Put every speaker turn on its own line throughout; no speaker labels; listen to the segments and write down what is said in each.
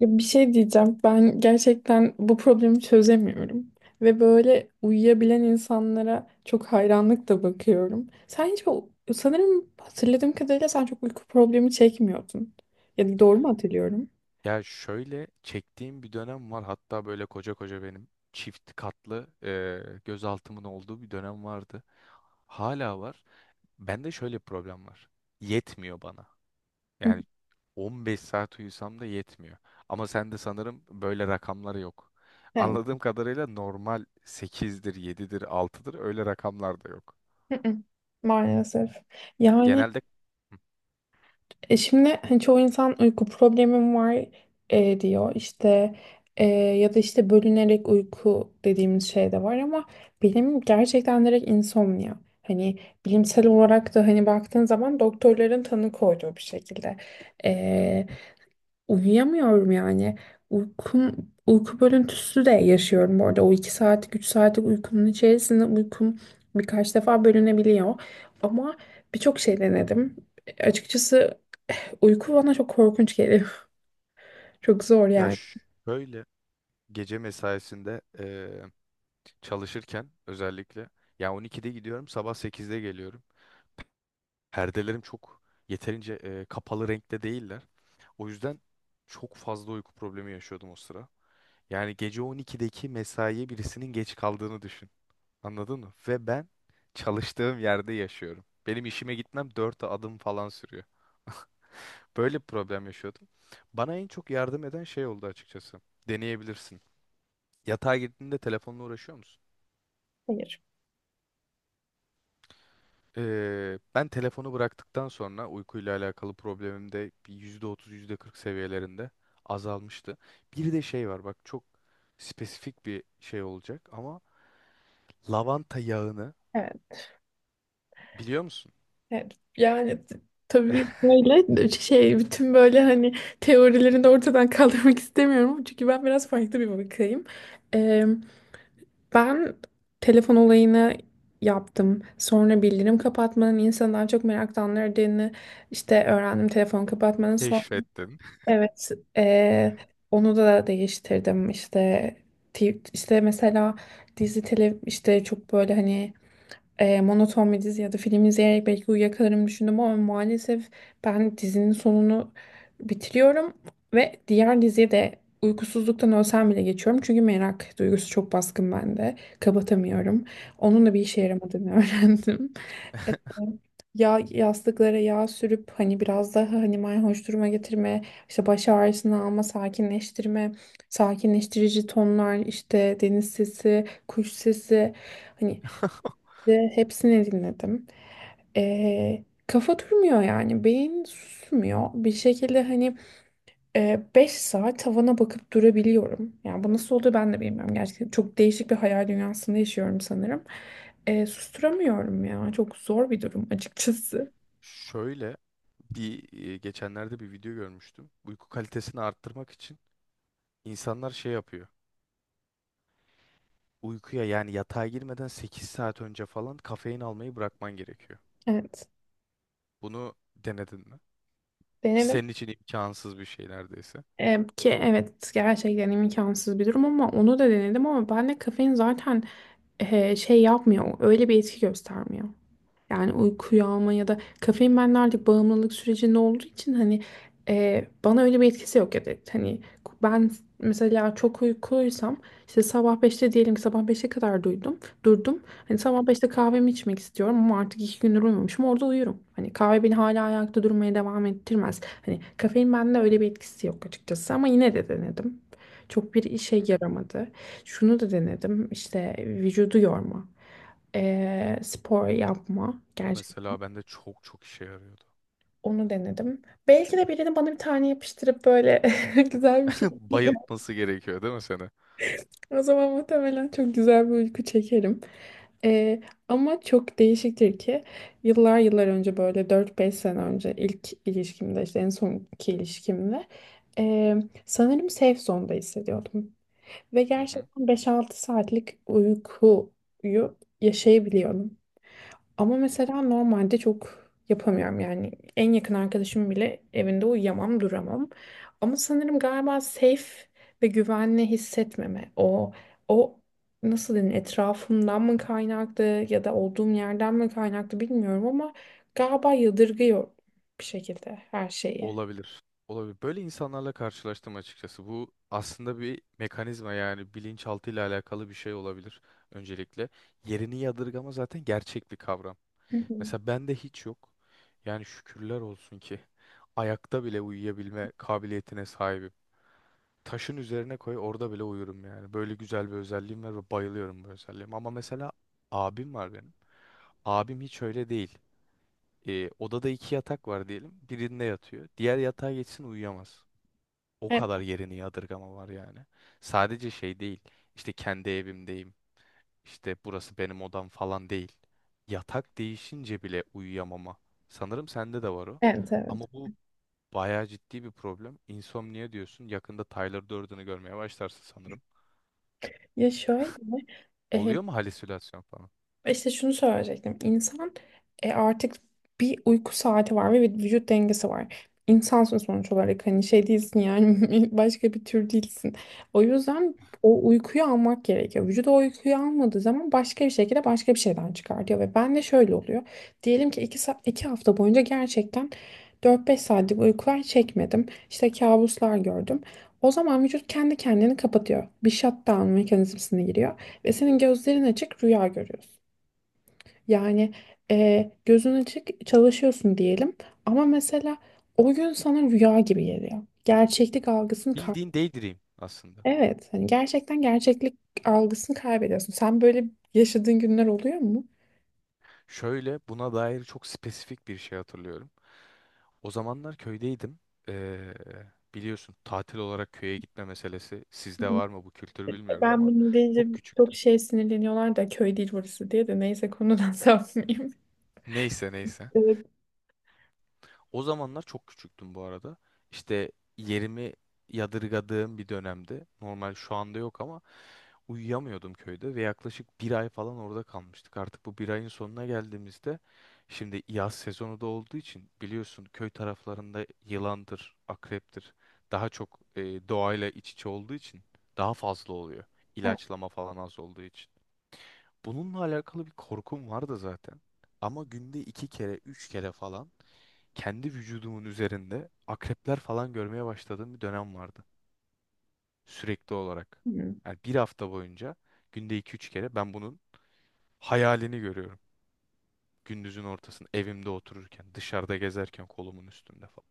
Ya bir şey diyeceğim. Ben gerçekten bu problemi çözemiyorum. Ve böyle uyuyabilen insanlara çok hayranlıkla bakıyorum. Sen hiç sanırım hatırladığım kadarıyla sen çok uyku problemi çekmiyordun. Ya doğru mu hatırlıyorum?
Ya şöyle çektiğim bir dönem var. Hatta böyle koca koca benim çift katlı gözaltımın olduğu bir dönem vardı. Hala var. Bende şöyle bir problem var. Yetmiyor bana.
Hı.
Yani 15 saat uyusam da yetmiyor. Ama sende sanırım böyle rakamlar yok.
Evet.
Anladığım kadarıyla normal 8'dir, 7'dir, 6'dır öyle rakamlar da yok.
Hı hı. Maalesef. Yani.
Genelde hı.
Şimdi hani çoğu insan uyku problemim var diyor işte, ya da işte bölünerek uyku dediğimiz şey de var ama benim gerçekten direkt insomnia. Hani bilimsel olarak da hani baktığın zaman doktorların tanı koyduğu bir şekilde E, uyuyamıyorum yani uykum uyku bölüntüsü de yaşıyorum bu arada o 2 saatlik 3 saatlik uykumun içerisinde uykum birkaç defa bölünebiliyor ama birçok şey denedim açıkçası. Uyku bana çok korkunç geliyor. Çok zor
ya
yani.
ş- Şöyle gece mesaisinde çalışırken özellikle ya 12'de gidiyorum sabah 8'de geliyorum. Perdelerim çok yeterince kapalı renkte değiller. O yüzden çok fazla uyku problemi yaşıyordum o sıra. Yani gece 12'deki mesaiye birisinin geç kaldığını düşün. Anladın mı? Ve ben çalıştığım yerde yaşıyorum. Benim işime gitmem 4 adım falan sürüyor. Böyle bir problem yaşıyordum. Bana en çok yardım eden şey oldu açıkçası. Deneyebilirsin. Yatağa girdiğinde telefonla uğraşıyor musun?
Hayır.
Ben telefonu bıraktıktan sonra uykuyla alakalı problemim de bir %30, %40 seviyelerinde azalmıştı. Bir de şey var bak çok spesifik bir şey olacak ama lavanta yağını
Evet.
biliyor musun?
Evet, yani tabii böyle şey bütün böyle hani teorilerini de ortadan kaldırmak istemiyorum. Çünkü ben biraz farklı bir bakayım. Ee, ben telefon olayını yaptım. Sonra bildirim kapatmanın insanı daha çok meraklandırdığını işte öğrendim telefon kapatmanın. Sonra.
Keşfettim.
Evet, eee, onu da değiştirdim işte işte mesela dizi işte çok böyle hani, monoton bir dizi ya da film izleyerek belki uyuyakalarım düşündüm ama maalesef ben dizinin sonunu bitiriyorum ve diğer diziye de uykusuzluktan ölsem bile geçiyorum çünkü merak duygusu çok baskın bende kapatamıyorum onun da bir işe yaramadığını öğrendim. Yastıklara yağ sürüp hani biraz daha hani mayhoş duruma getirme, işte baş ağrısını alma, sakinleştirme, sakinleştirici tonlar, işte deniz sesi, kuş sesi hani de hepsini dinledim. Kafa durmuyor yani beyin susmuyor bir şekilde hani 5 saat tavana bakıp durabiliyorum. Yani bu nasıl oluyor ben de bilmiyorum gerçekten çok değişik bir hayal dünyasında yaşıyorum sanırım. Susturamıyorum ya çok zor bir durum açıkçası.
Şöyle bir geçenlerde bir video görmüştüm. Uyku kalitesini arttırmak için insanlar şey yapıyor. Uykuya yani yatağa girmeden 8 saat önce falan kafein almayı bırakman gerekiyor.
Evet.
Bunu denedin mi? Ki
Denedim.
senin için imkansız bir şey neredeyse.
Ki evet gerçekten imkansız bir durum ama onu da denedim ama bende kafein zaten şey yapmıyor. Öyle bir etki göstermiyor. Yani uykuyu alma ya da kafein benle artık bağımlılık sürecinde olduğu için hani, bana öyle bir etkisi yok ya da hani ben mesela çok uykuluysam işte sabah 5'te diyelim ki sabah 5'e kadar duydum durdum. Hani
Hı hı,
sabah 5'te kahvemi içmek istiyorum ama artık 2 gündür uyumamışım orada uyurum. Hani kahve beni hala ayakta durmaya devam ettirmez. Hani kafein bende öyle bir etkisi yok açıkçası ama yine de denedim. Çok bir işe
hı hı.
yaramadı. Şunu da denedim işte vücudu yorma, spor yapma
O
gerçekten.
mesela bende çok çok işe yarıyordu.
Onu denedim. Belki de birini bana bir tane yapıştırıp böyle güzel bir şey.
Bayıltması gerekiyor değil mi seni?
O zaman muhtemelen çok güzel bir uyku çekerim. Eee, ama çok değişiktir ki yıllar yıllar önce böyle 4-5 sene önce ilk ilişkimde işte en sonki ilişkimde, eee, sanırım safe zone'da hissediyordum. Ve
Hı hı,
gerçekten 5-6 saatlik uykuyu yaşayabiliyorum. Ama
hı hı.
mesela normalde çok yapamıyorum yani en yakın arkadaşım bile evinde uyuyamam duramam. Ama sanırım galiba safe ve güvenli hissetmeme o nasıl denir etrafımdan mı kaynaklı ya da olduğum yerden mi kaynaklı bilmiyorum ama galiba yadırgıyor bir şekilde her şeyi.
Olabilir. Olabilir. Böyle insanlarla karşılaştım açıkçası. Bu aslında bir mekanizma yani bilinçaltı ile alakalı bir şey olabilir öncelikle. Yerini yadırgama zaten gerçek bir kavram.
Hı hı.
Mesela bende hiç yok. Yani şükürler olsun ki ayakta bile uyuyabilme kabiliyetine sahibim. Taşın üzerine koy orada bile uyurum yani. Böyle güzel bir özelliğim var ve bayılıyorum bu özelliğime. Ama mesela abim var benim. Abim hiç öyle değil. Odada iki yatak var diyelim. Birinde yatıyor. Diğer yatağa geçsin uyuyamaz. O
Evet,
kadar yerini yadırgama var yani. Sadece şey değil. İşte kendi evimdeyim. İşte burası benim odam falan değil. Yatak değişince bile uyuyamama. Sanırım sende de var o.
evet.
Ama
Evet.
bu bayağı ciddi bir problem. İnsomnia diyorsun. Yakında Tyler Durden'ı görmeye başlarsın sanırım.
Ya şöyle.
Oluyor mu halüsinasyon falan?
İşte şunu söyleyecektim. İnsan, artık bir uyku saati var ve bir vücut dengesi var. İnsansın sonuç olarak hani şey değilsin yani başka bir tür değilsin. O yüzden o uykuyu almak gerekiyor. Vücut o uykuyu almadığı zaman başka bir şekilde başka bir şeyden çıkartıyor ve ben de şöyle oluyor. Diyelim ki 2 hafta boyunca gerçekten 4-5 saatlik uykular çekmedim. İşte kabuslar gördüm. O zaman vücut kendi kendini kapatıyor. Bir shutdown mekanizmasına giriyor ve senin gözlerin açık rüya görüyorsun. Yani, gözün açık çalışıyorsun diyelim ama mesela o gün sana rüya gibi geliyor. Gerçeklik algısını.
Bildiğin daydream aslında.
Evet, hani gerçekten gerçeklik algısını kaybediyorsun. Sen böyle yaşadığın günler oluyor mu?
Şöyle buna dair çok spesifik bir şey hatırlıyorum. O zamanlar köydeydim. Ee, Biliyorsun tatil olarak köye gitme meselesi sizde
Hı.
var mı bu kültür
E,
bilmiyorum
Ben
ama
bunu deyince
çok
çok
küçüktüm.
şey sinirleniyorlar da köy değil burası diye de neyse konudan sapmayayım.
Neyse neyse.
Evet.
O zamanlar çok küçüktüm bu arada. İşte yerimi yadırgadığım bir dönemde. Normal şu anda yok ama uyuyamıyordum köyde ve yaklaşık bir ay falan orada kalmıştık. Artık bu bir ayın sonuna geldiğimizde şimdi yaz sezonu da olduğu için biliyorsun köy taraflarında yılandır, akreptir. Daha çok doğayla iç içe olduğu için daha fazla oluyor.
Ha,
İlaçlama falan az olduğu için. Bununla alakalı bir korkum vardı zaten. Ama günde iki kere, üç kere falan kendi vücudumun üzerinde akrepler falan görmeye başladığım bir dönem vardı. Sürekli olarak.
hı.
Yani bir hafta boyunca günde iki üç kere ben bunun hayalini görüyorum. Gündüzün ortasında, evimde otururken, dışarıda gezerken kolumun üstünde falan.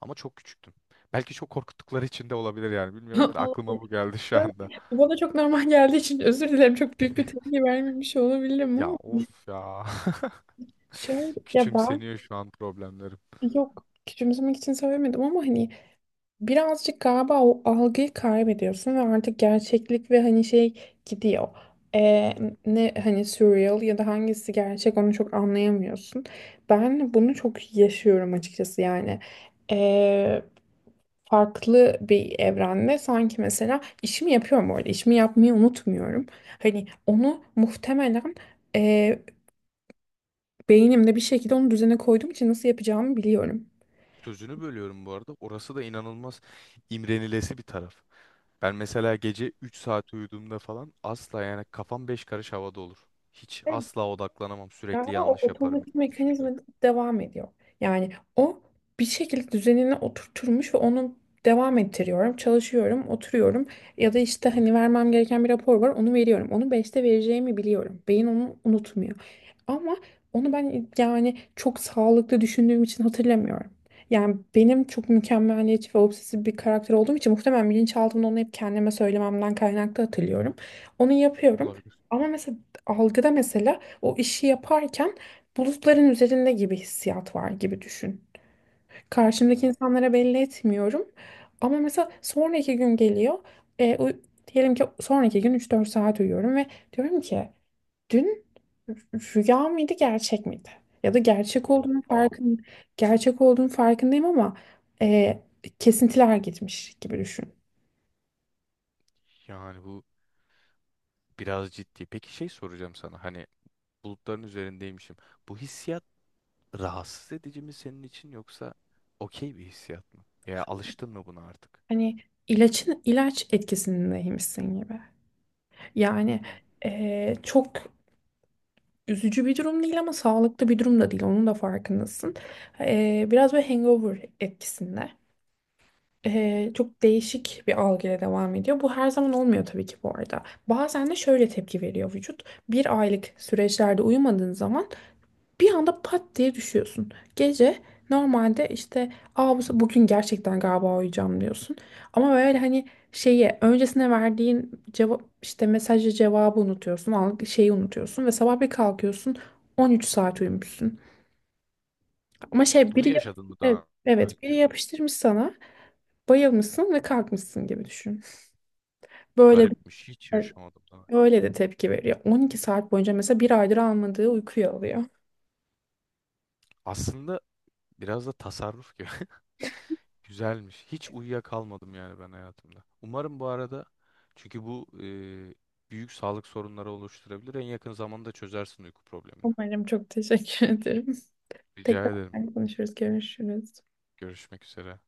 Ama çok küçüktüm. Belki çok korkuttukları için de olabilir yani bilmiyorum da aklıma bu
Olabilir.
geldi şu anda.
Bu bana çok normal geldiği için özür dilerim. Çok büyük bir tepki vermemiş olabilirim
Ya
ama
of ya.
şöyle ya.
Küçümseniyor şu an problemlerim.
Yok, küçümsemek için söylemedim ama hani birazcık galiba o algıyı kaybediyorsun ve artık gerçeklik ve hani şey gidiyor. Ee, ne hani surreal ya da hangisi gerçek onu çok anlayamıyorsun. Ben bunu çok yaşıyorum açıkçası yani. Ee, farklı bir evrende sanki mesela işimi yapıyorum orada işimi yapmayı unutmuyorum. Hani onu muhtemelen, e, beynimde bir şekilde onu düzene koyduğum için nasıl yapacağımı biliyorum.
Sözünü bölüyorum bu arada. Orası da inanılmaz imrenilesi bir taraf. Ben mesela gece 3 saat uyuduğumda falan asla yani kafam 5 karış havada olur. Hiç asla odaklanamam. Sürekli
Galiba o
yanlış yaparım
otomatik mekanizma
şimdi.
devam ediyor. Yani o bir şekilde düzenine oturturmuş ve onu devam ettiriyorum. Çalışıyorum, oturuyorum ya da işte hani vermem gereken bir rapor var onu veriyorum. Onu 5'te vereceğimi biliyorum. Beyin onu unutmuyor. Ama onu ben yani çok sağlıklı düşündüğüm için hatırlamıyorum. Yani benim çok mükemmeliyetçi ve obsesif bir karakter olduğum için muhtemelen bilinçaltımda onu hep kendime söylememden kaynaklı hatırlıyorum. Onu yapıyorum.
Olabilir.
Ama mesela algıda mesela o işi yaparken bulutların üzerinde gibi hissiyat var gibi düşün. Karşımdaki
O-
insanlara belli etmiyorum. Ama mesela sonraki gün geliyor. E, uy- diyelim ki sonraki gün 3-4 saat uyuyorum ve diyorum ki dün rüya mıydı gerçek miydi? Ya da
Oha.
gerçek olduğunun farkındayım ama, e, kesintiler gitmiş gibi düşün.
Yani bu biraz ciddi. Peki şey soracağım sana. Hani bulutların üzerindeymişim. Bu hissiyat rahatsız edici mi senin için yoksa okey bir hissiyat mı? Ya alıştın mı buna artık?
Hani ilaç etkisindeymişsin gibi. Yani,
Hı.
çok üzücü bir durum değil ama sağlıklı bir durum da değil. Onun da farkındasın. Biraz böyle hangover etkisinde. Çok değişik bir algıyla devam ediyor. Bu her zaman olmuyor tabii ki bu arada. Bazen de şöyle tepki veriyor vücut. Bir aylık süreçlerde uyumadığın zaman bir anda pat diye düşüyorsun. Gece normalde işte, Aa, bugün gerçekten galiba uyuyacağım diyorsun. Ama böyle hani şeyi öncesine verdiğin cevap işte mesajı cevabı unutuyorsun. Şeyi unutuyorsun ve sabah bir kalkıyorsun 13 saat uyumuşsun. Ama şey
Bunu
biri yap-
yaşadın mı
evet,
daha
evet biri
önce?
yapıştırmış sana bayılmışsın ve kalkmışsın gibi düşün. Böyle
Garipmiş. Hiç
de,
yaşamadım daha.
böyle de tepki veriyor. 12 saat boyunca mesela bir aydır almadığı uykuyu alıyor.
Aslında biraz da tasarruf gibi. Güzelmiş. Hiç uyuyakalmadım yani ben hayatımda. Umarım bu arada çünkü bu büyük sağlık sorunları oluşturabilir. En yakın zamanda çözersin uyku problemini.
Umarım, çok teşekkür ederim.
Rica ederim.
Tekrar konuşuruz, görüşürüz.
Görüşmek üzere.